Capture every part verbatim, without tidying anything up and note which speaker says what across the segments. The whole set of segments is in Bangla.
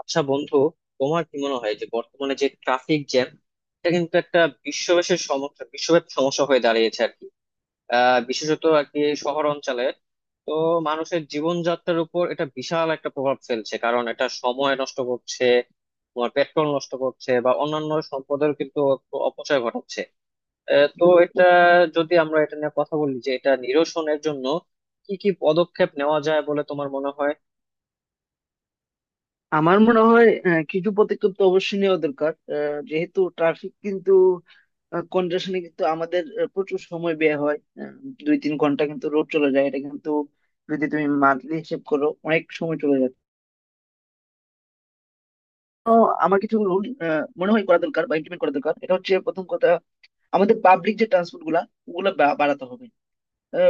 Speaker 1: আচ্ছা বন্ধু, তোমার কি মনে হয় যে বর্তমানে যে ট্রাফিক জ্যাম, এটা কিন্তু একটা বিশ্বব্যাপী সমস্যা বিশ্বব্যাপী সমস্যা হয়ে দাঁড়িয়েছে আর কি। আহ বিশেষত আর কি শহর অঞ্চলে। তো মানুষের জীবনযাত্রার উপর এটা বিশাল একটা প্রভাব ফেলছে, কারণ এটা সময় নষ্ট করছে, তোমার পেট্রোল নষ্ট করছে বা অন্যান্য সম্পদের কিন্তু অপ- অপচয় ঘটাচ্ছে। আহ, তো এটা, যদি আমরা এটা নিয়ে কথা বলি যে এটা নিরসনের জন্য কি কি পদক্ষেপ নেওয়া যায় বলে তোমার মনে হয়?
Speaker 2: আমার মনে হয় আহ, কিছু পদক্ষেপ তো অবশ্যই নেওয়া দরকার, আহ, যেহেতু ট্রাফিক কিন্তু কনজেশনে কিন্তু আমাদের আহ, প্রচুর সময় ব্যয় হয়। আহ, দুই তিন ঘন্টা কিন্তু রোড চলে যায় এটা কিন্তু, যদি তুমি মান্থলি হিসেব করো অনেক সময় চলে যায়। তো আমার কিছু রুল মনে হয় করা দরকার বা ইমপ্লিমেন্ট করা দরকার, এটা হচ্ছে প্রথম কথা। আমাদের পাবলিক যে ট্রান্সপোর্ট গুলা, ওগুলা বা- বাড়াতে হবে,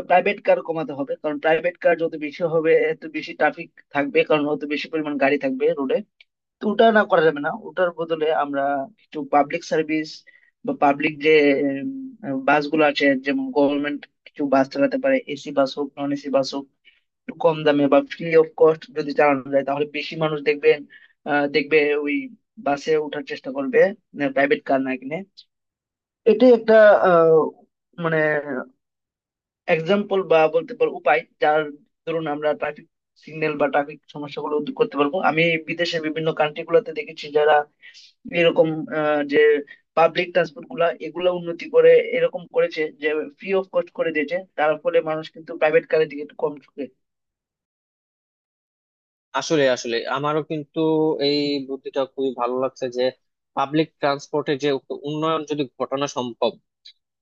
Speaker 2: প্রাইভেট কার কমাতে হবে, কারণ প্রাইভেট কার যত বেশি হবে এত বেশি ট্রাফিক থাকবে, কারণ অত বেশি পরিমাণ গাড়ি থাকবে রোডে। তো ওটা না করা যাবে না, ওটার বদলে আমরা কিছু পাবলিক সার্ভিস বা পাবলিক যে উম, বাসগুলো আছে, যেমন গভর্নমেন্ট কিছু বাস চালাতে পারে, এসি বাস হোক নন এসি বাস হোক, একটু কম দামে বা ফ্রি অফ কস্ট যদি চালানো যায় তাহলে বেশি মানুষ দেখবেন আহ, দেখবে ওই বাসে ওঠার চেষ্টা করবে প্রাইভেট কার না কিনে। এটাই একটা আহ, মানে এক্সাম্পল বা বলতে পারো উপায়, যার ধরুন আমরা ট্রাফিক সিগন্যাল বা ট্রাফিক সমস্যাগুলো দূর করতে পারবো। আমি বিদেশের বিভিন্ন কান্ট্রি গুলাতে দেখেছি যারা এরকম, আহ, যে পাবলিক ট্রান্সপোর্ট গুলা এগুলা উন্নতি করে এরকম করেছে যে ফ্রি অফ কস্ট করে দিয়েছে, তার ফলে মানুষ কিন্তু প্রাইভেট কারের দিকে একটু কম ঝুঁকে।
Speaker 1: আসলে আসলে আমারও কিন্তু এই বুদ্ধিটা খুবই ভালো লাগছে যে পাবলিক ট্রান্সপোর্টে যে উ- উন্নয়ন যদি ঘটানো সম্ভব।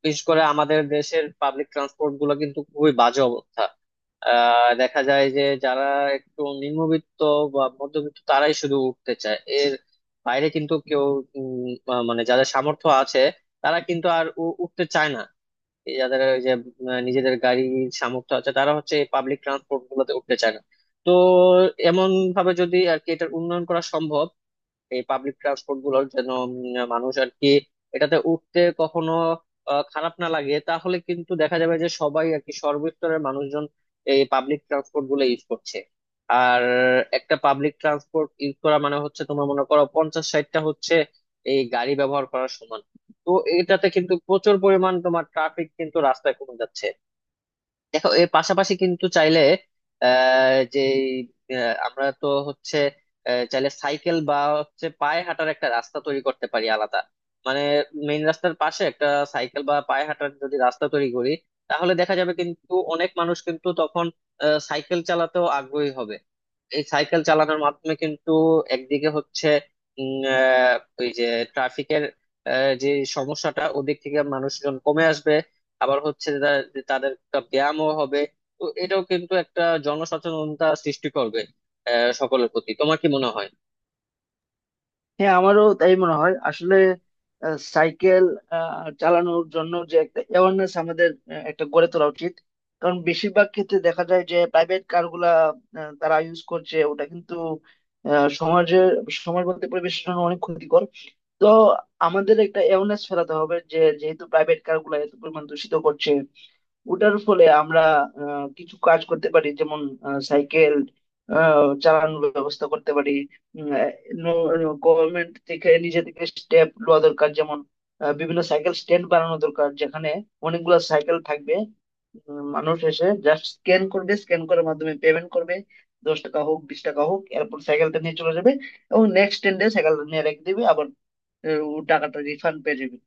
Speaker 1: বিশেষ করে আমাদের দেশের পাবলিক ট্রান্সপোর্ট গুলো কিন্তু খুবই বাজে অবস্থা। আহ দেখা যায় যে যারা একটু নিম্নবিত্ত বা মধ্যবিত্ত তারাই শুধু উঠতে চায়, এর বাইরে কিন্তু কেউ উম, আহ, মানে যাদের সামর্থ্য আছে তারা কিন্তু আর উ- উঠতে চায় না। এই যাদের ওই যে আহ, নিজেদের গাড়ির সামর্থ্য আছে তারা হচ্ছে এই পাবলিক ট্রান্সপোর্ট গুলোতে উঠতে চায় না। তো এমন ভাবে যদি আর কি এটার উন্নয়ন করা সম্ভব এই পাবলিক ট্রান্সপোর্ট গুলোর, যেন উম, মানুষ আর কি এটাতে উঠতে কখনো আহ, খারাপ না লাগে, তাহলে কিন্তু দেখা যাবে যে সবাই আর কি সর্বস্তরের মানুষজন এই পাবলিক ট্রান্সপোর্ট গুলো ইউজ করছে। আর একটা পাবলিক ট্রান্সপোর্ট ইউজ করা মানে হচ্ছে তোমার মনে করো পঞ্চাশ ষাটটা হচ্ছে এই গাড়ি ব্যবহার করার সমান। তো এটাতে কিন্তু প্রচুর পরিমাণ তোমার ট্রাফিক কিন্তু রাস্তায় কমে যাচ্ছে। দেখো এর পাশাপাশি কিন্তু চাইলে আহ যে আহ, আমরা তো হচ্ছে আহ, চাইলে সাইকেল বা হচ্ছে পায়ে হাঁটার একটা রাস্তা তৈরি করতে পারি আলাদা। মানে মেইন রাস্তার পাশে একটা সাইকেল বা পায়ে হাঁটার যদি রাস্তা তৈরি করি, তাহলে দেখা যাবে কিন্তু অনেক মানুষ কিন্তু তখন আহ, সাইকেল চালাতেও আগ্রহী হবে। এই সাইকেল চালানোর মাধ্যমে কিন্তু একদিকে হচ্ছে উম, আহ, ওই যে ট্রাফিকের যে সমস্যাটা ওদিক থেকে মানুষজন কমে আসবে, আবার হচ্ছে যে তা- যে তাদের একটা ব্যায়ামও হবে। তো এটাও কিন্তু একটা জনসচেতনতা সৃষ্টি করবে আহ, সকলের প্রতি। তোমার কি মনে হয়?
Speaker 2: হ্যাঁ, আমারও তাই মনে হয় আসলে। আহ, সাইকেল আহ, চালানোর জন্য যে একটা অ্যাওয়ারনেস আমাদের আহ, একটা গড়ে তোলা উচিত, কারণ বেশিরভাগ ক্ষেত্রে দেখা যায় যে প্রাইভেট কারগুলা আহ, তারা ইউজ করছে, ওটা কিন্তু আহ, সমাজের, সমাজ বলতে পরিবেশের জন্য অনেক ক্ষতিকর। তো আমাদের একটা অ্যাওয়ারনেস ফেলাতে হবে যে যেহেতু প্রাইভেট কারগুলা এত পরিমাণ দূষিত করছে, ওটার ফলে আমরা আহ, কিছু কাজ করতে পারি, যেমন আহ, সাইকেল আহ, চালানোর ব্যবস্থা করতে পারি। গভর্নমেন্ট থেকে নিজে থেকে স্টেপ নেওয়া দরকার, যেমন আহ, বিভিন্ন সাইকেল স্ট্যান্ড বানানো দরকার যেখানে অনেকগুলো সাইকেল থাকবে, উম, মানুষ এসে জাস্ট স্ক্যান করবে, স্ক্যান করার মাধ্যমে পেমেন্ট করবে, দশ টাকা হোক বিশ টাকা হোক, এরপর সাইকেলটা নিয়ে চলে যাবে এবং নেক্সট স্ট্যান্ডে সাইকেলটা নিয়ে রেখে দিবে, আবার আহ, ও টাকাটা রিফান্ড পেয়ে যাবে।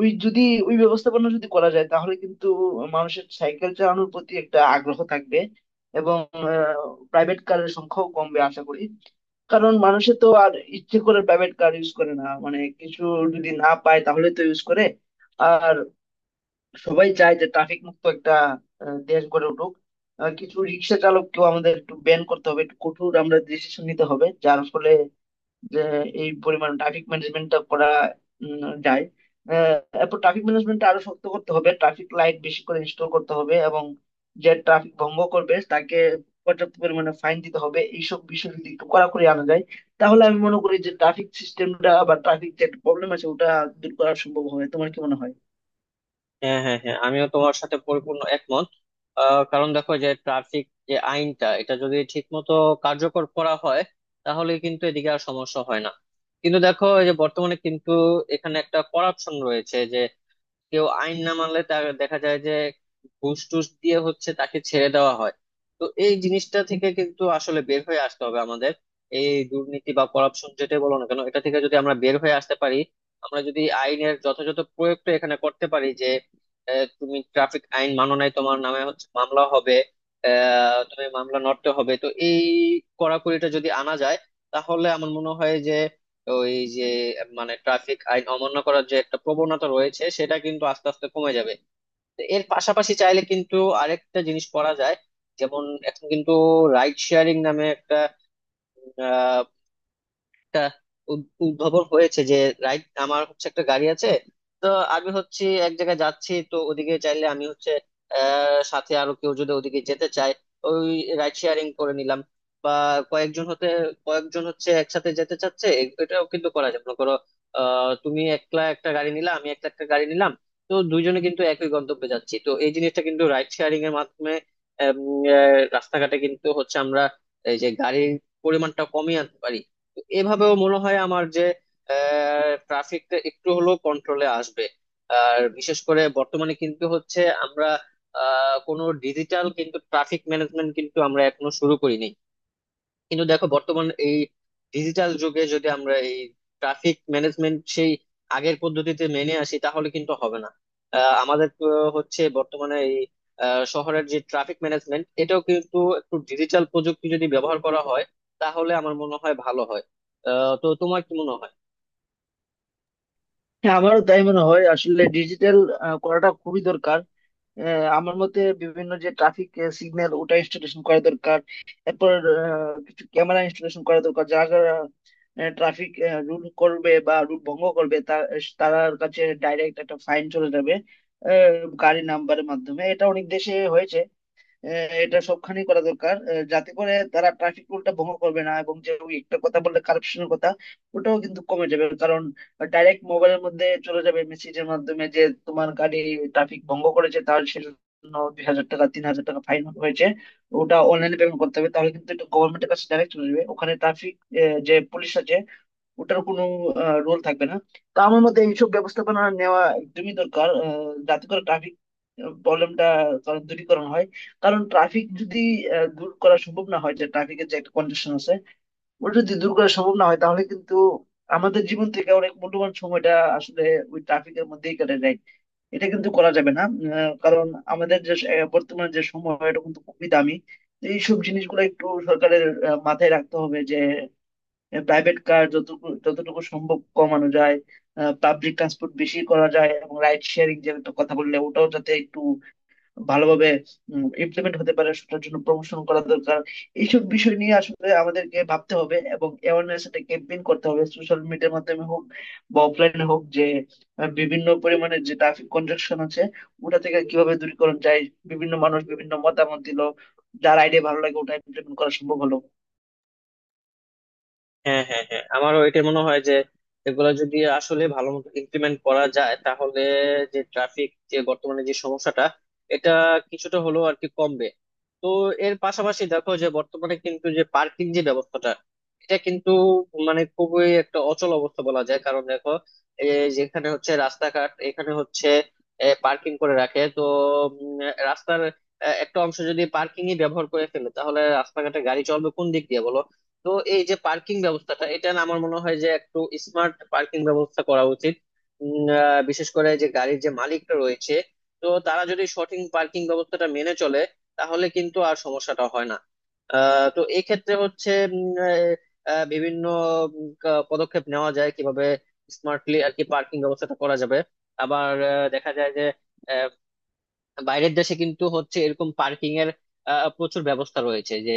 Speaker 2: ওই যদি ওই ব্যবস্থাপনা যদি করা যায় তাহলে কিন্তু মানুষের সাইকেল চালানোর প্রতি একটা আগ্রহ থাকবে এবং প্রাইভেট কারের সংখ্যাও কমবে আশা করি। কারণ মানুষে তো আর ইচ্ছে করে প্রাইভেট কার ইউজ করে না, মানে কিছু যদি না পায় তাহলে তো ইউজ করে। আর সবাই চায় যে ট্রাফিক মুক্ত একটা আহ, দেশ গড়ে উঠুক। আহ, কিছু রিক্সা চালককেও আমাদের একটু ব্যান করতে হবে, একটু কঠোর আমরা ডিসিশন নিতে হবে, যার ফলে যে এই পরিমাণ ট্রাফিক ম্যানেজমেন্টটা করা উম, যায়। আহ, এরপর ট্রাফিক ম্যানেজমেন্টটা আরো শক্ত করতে হবে, ট্রাফিক লাইট বেশি করে ইনস্টল করতে হবে এবং যে ট্রাফিক ভঙ্গ করবে তাকে পর্যাপ্ত পরিমাণে ফাইন দিতে হবে। এইসব বিষয় যদি একটু কড়াকড়ি আনা যায় তাহলে আমি মনে করি যে ট্রাফিক সিস্টেমটা বা ট্রাফিক যে প্রবলেম আছে ওটা দূর করা সম্ভব হবে। তোমার কি মনে হয়?
Speaker 1: হ্যাঁ হ্যাঁ হ্যাঁ, আমিও তোমার সাথে পরিপূর্ণ একমত। আহ, কারণ দেখো যে ট্রাফিক যে আইনটা, এটা যদি ঠিক মতো কার্যকর করা হয় তাহলে কিন্তু এদিকে আর সমস্যা হয় না। কিন্তু দেখো এই যে বর্তমানে কিন্তু এখানে একটা করাপশন রয়েছে, কেউ আইন না মানলে তার দেখা যায় যে ঘুষ টুস দিয়ে হচ্ছে তাকে ছেড়ে দেওয়া হয়। তো এই জিনিসটা থেকে কিন্তু আসলে বের হয়ে আসতে হবে আমাদের। এই দুর্নীতি বা করাপশন যেটাই বলো না কেন, এটা থেকে যদি আমরা বের হয়ে আসতে পারি, আমরা যদি আইনের যথাযথ প্রয়োগটা এখানে করতে পারি যে আহ, তুমি ট্রাফিক আইন মানো নাই তোমার নামে হচ্ছে মামলা হবে, আহ তুমি মামলা নড়তে হবে, তো এই কড়াকড়িটা যদি আনা যায় তাহলে আমার মনে হয় যে ওই যে মানে ট্রাফিক আইন অমান্য করার যে একটা প্রবণতা রয়েছে সেটা কিন্তু আস্তে আস্তে কমে যাবে। তো এর পাশাপাশি চাইলে কিন্তু আরেকটা জিনিস করা যায়, যেমন এখন কিন্তু রাইড শেয়ারিং নামে একটা একটা উদ- উদ্ভাবন হয়েছে যে রাইট আমার হচ্ছে একটা গাড়ি আছে, তো আমি হচ্ছে এক জায়গায় যাচ্ছি তো ওদিকে চাইলে আমি হচ্ছে আহ সাথে আরো কেউ যদি ওদিকে যেতে চায় ওই রাইড শেয়ারিং করে নিলাম। বা কয়েকজন হতে কয়েকজন হচ্ছে একসাথে যেতে চাচ্ছে, এ- এটাও কিন্তু করা যায়। মনে করো আহ তুমি একলা একটা গাড়ি নিলা, আমি একটা একটা গাড়ি নিলাম, তো দুইজনে কিন্তু একই গন্তব্যে যাচ্ছি, তো এই জিনিসটা কিন্তু রাইড শেয়ারিং এর মাধ্যমে আম, আহ, রাস্তাঘাটে কিন্তু হচ্ছে আমরা এই যে গাড়ির পরিমাণটা কমিয়ে আনতে পারি। এভাবেও মনে হয় আমার যে ট্রাফিকটা একটু হলেও কন্ট্রোলে আসবে। আর বিশেষ করে বর্তমানে কিন্তু হচ্ছে আমরা আহ, কোনো ডিজিটাল কিন্তু ট্রাফিক ম্যানেজমেন্ট কিন্তু আমরা এখনো শুরু করিনি। কিন্তু দেখো বর্তমান এই ডিজিটাল যুগে যদি আমরা এই ট্রাফিক ম্যানেজমেন্ট সেই আগের পদ্ধতিতে মেনে আসি তাহলে কিন্তু হবে না। আহ, আমাদের আহ, হচ্ছে বর্তমানে এই আহ, শহরের যে ট্রাফিক ম্যানেজমেন্ট এটাও কিন্তু একটু ডিজিটাল প্রযুক্তি যদি ব্যবহার করা হয় তাহলে আমার মনে হয় ভালো হয়। আহ, তো তোমার কি মনে হয়?
Speaker 2: হ্যাঁ, আমারও তাই মনে হয় আসলে। ডিজিটাল করাটা খুবই দরকার। আহ, আমার মতে বিভিন্ন যে ট্রাফিক সিগন্যাল ওটা ইনস্টলেশন করা দরকার, এরপর আহ, কিছু ক্যামেরা ইনস্টলেশন করা দরকার, যারা যারা ট্রাফিক রুল করবে বা রুল ভঙ্গ করবে তার তার কাছে ডাইরেক্ট একটা ফাইন চলে যাবে, আহ, গাড়ি নাম্বারের মাধ্যমে। এটা অনেক দেশে হয়েছে, আহ, এটা সবখানেই করা দরকার, আহ, যাতে করে তারা ট্রাফিক রুলটা ভঙ্গ করবে না, এবং যে ওই একটা কথা বললে কারাপশনের কথা, ওটাও কিন্তু কমে যাবে, কারণ ডাইরেক্ট মোবাইলের মধ্যে চলে যাবে মেসেজের মাধ্যমে যে তোমার গাড়ি ট্রাফিক ভঙ্গ করেছে, তার সেজন্য দুই হাজার টাকা তিন হাজার টাকা ফাইন হয়েছে, ওটা অনলাইনে পেমেন্ট করতে হবে। তাহলে কিন্তু এটা গভর্নমেন্টের কাছে ডাইরেক্ট চলে যাবে, ওখানে ট্রাফিক যে পুলিশ আছে ওটার কোনো রোল থাকবে না। তো আমার মতে এইসব ব্যবস্থাপনা নেওয়া একদমই দরকার, আহ, যাতে করে ট্রাফিক প্রবলেমটা দূরীকরণ হয়। কারণ ট্রাফিক যদি আহ, দূর করা সম্ভব না হয়, যে ট্রাফিকের যে একটা কন্ডিশন আছে ওটা যদি দূর করা সম্ভব না হয় তাহলে কিন্তু আমাদের জীবন থেকে অনেক মূল্যবান সময়টা আসলে ওই ট্রাফিকের মধ্যেই কেটে যায়। এটা কিন্তু করা যাবে না, আহ, কারণ আমাদের যে আহ, বর্তমান যে সময় এটা কিন্তু খুবই দামি। তো এইসব জিনিসগুলো একটু সরকারের আহ, মাথায় রাখতে হবে, যে প্রাইভেট কার যতটুকু যতটুকু সম্ভব কমানো যায়, পাবলিক ট্রান্সপোর্ট বেশি করা যায় এবং রাইড শেয়ারিং যে একটা কথা বললে ওটাও যাতে একটু ভালোভাবে ইমপ্লিমেন্ট হতে পারে সেটার জন্য প্রমোশন করা দরকার। এইসব বিষয় নিয়ে আসলে আমাদেরকে ভাবতে হবে এবং অ্যাওয়ারনেস একটা ক্যাম্পেইন করতে হবে, সোশ্যাল মিডিয়ার মাধ্যমে হোক বা অফলাইনে হোক, যে আহ, বিভিন্ন পরিমাণে যে ট্রাফিক কনজাকশন আছে ওটা থেকে কিভাবে দূরীকরণ যায়, বিভিন্ন মানুষ বিভিন্ন মতামত দিল, যার আইডিয়া ভালো লাগে ওটা ইমপ্লিমেন্ট করা সম্ভব হলো।
Speaker 1: হ্যাঁ হ্যাঁ হ্যাঁ, আমারও এটা মনে হয় যে এগুলো যদি আসলে ভালো মতো ইমপ্লিমেন্ট করা যায় তাহলে যে ট্রাফিক যে বর্তমানে যে সমস্যাটা, এটা কিছুটা হলেও আর কি কমবে। তো এর পাশাপাশি দেখো যে বর্তমানে কিন্তু যে পার্কিং যে ব্যবস্থাটা, এটা কিন্তু মানে খুবই একটা অচল অবস্থা বলা যায়। কারণ দেখো এই যেখানে হচ্ছে রাস্তাঘাট এখানে হচ্ছে পার্কিং করে রাখে তো উম, রাস্তার আহ, একটা অংশ যদি পার্কিংই ব্যবহার করে ফেলে তাহলে রাস্তাঘাটে গাড়ি চলবে কোন দিক দিয়ে বলো। তো এই যে পার্কিং ব্যবস্থাটা, এটা না আমার মনে হয় যে একটু স্মার্ট পার্কিং ব্যবস্থা করা উচিত। উম, আহ, বিশেষ করে যে গাড়ির যে মালিকটা রয়েছে, তো তারা যদি সঠিক পার্কিং ব্যবস্থাটা মেনে চলে তাহলে কিন্তু আর সমস্যাটা হয় না। আহ, তো এই ক্ষেত্রে হচ্ছে উম, আহ, আহ, বিভিন্ন উম, কা- পদক্ষেপ নেওয়া যায় কিভাবে স্মার্টলি আর কি পার্কিং ব্যবস্থাটা করা যাবে। আবার আহ, দেখা যায় যে বাইরের দেশে কিন্তু হচ্ছে এরকম পার্কিং এর আহ, প্রচুর ব্যবস্থা রয়েছে যে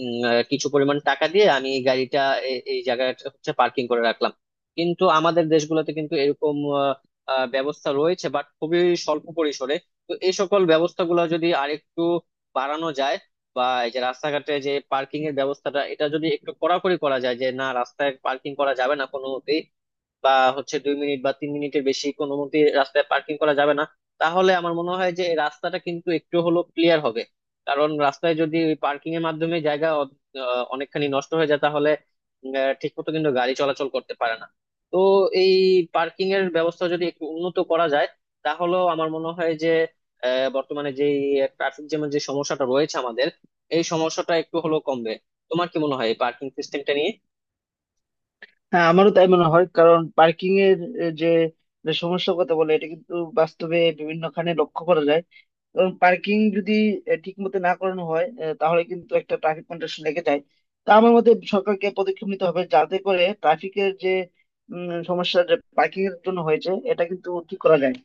Speaker 1: উম, আহ, কিছু পরিমাণ টাকা দিয়ে আমি গাড়িটা এ- এই জায়গায় হচ্ছে পার্কিং করে রাখলাম। কিন্তু আমাদের দেশগুলোতে কিন্তু এরকম আহ, আহ, ব্যবস্থা রয়েছে বাট খুবই স্বল্প পরিসরে। তো এই সকল ব্যবস্থাগুলো যদি আরেকটু বাড়ানো যায়, বা এই যে রাস্তাঘাটে যে পার্কিং এর ব্যবস্থাটা এটা যদি একটু কড়াকড়ি করা যায় যে না, রাস্তায় পার্কিং করা যাবে না কোনো, বা হচ্ছে দুই মিনিট বা তিন মিনিটের বেশি কোনো মতে রাস্তায় পার্কিং করা যাবে না, তাহলে আমার মনে হয় যে এই রাস্তাটা কিন্তু একটু হলো ক্লিয়ার হবে। কারণ রাস্তায় যদি পার্কিং এর মাধ্যমে জায়গা অ- আহ, অনেকখানি নষ্ট হয়ে যায় তাহলে ঠিক মতো কিন্তু গাড়ি চলাচল করতে পারে না। তো এই পার্কিং এর ব্যবস্থা যদি একটু উন্নত করা যায় তাহলেও আমার মনে হয় যে আহ, বর্তমানে যে ট্রাফিক জ্যামের যে সমস্যাটা রয়েছে আমাদের, এই সমস্যাটা একটু হলেও কমবে। তোমার কি মনে হয় এই পার্কিং সিস্টেমটা নিয়ে?
Speaker 2: হ্যাঁ, আমারও তাই মনে হয়, কারণ পার্কিং এর এ, যে যে সমস্যার কথা বলে এটা কিন্তু বাস্তবে বিভিন্নখানে লক্ষ্য করা যায়। কারণ পার্কিং যদি ঠিক মতো না করানো হয় এ, তাহলে কিন্তু একটা ট্রাফিক কন্ডিশন লেগে যায়। তা আমার মতে সরকারকে পদক্ষেপ নিতে হবে যাতে করে ট্রাফিকের যে উম, সমস্যা যে পার্কিং এর জন্য হয়েছে এটা কিন্তু ঠিক করা যায়।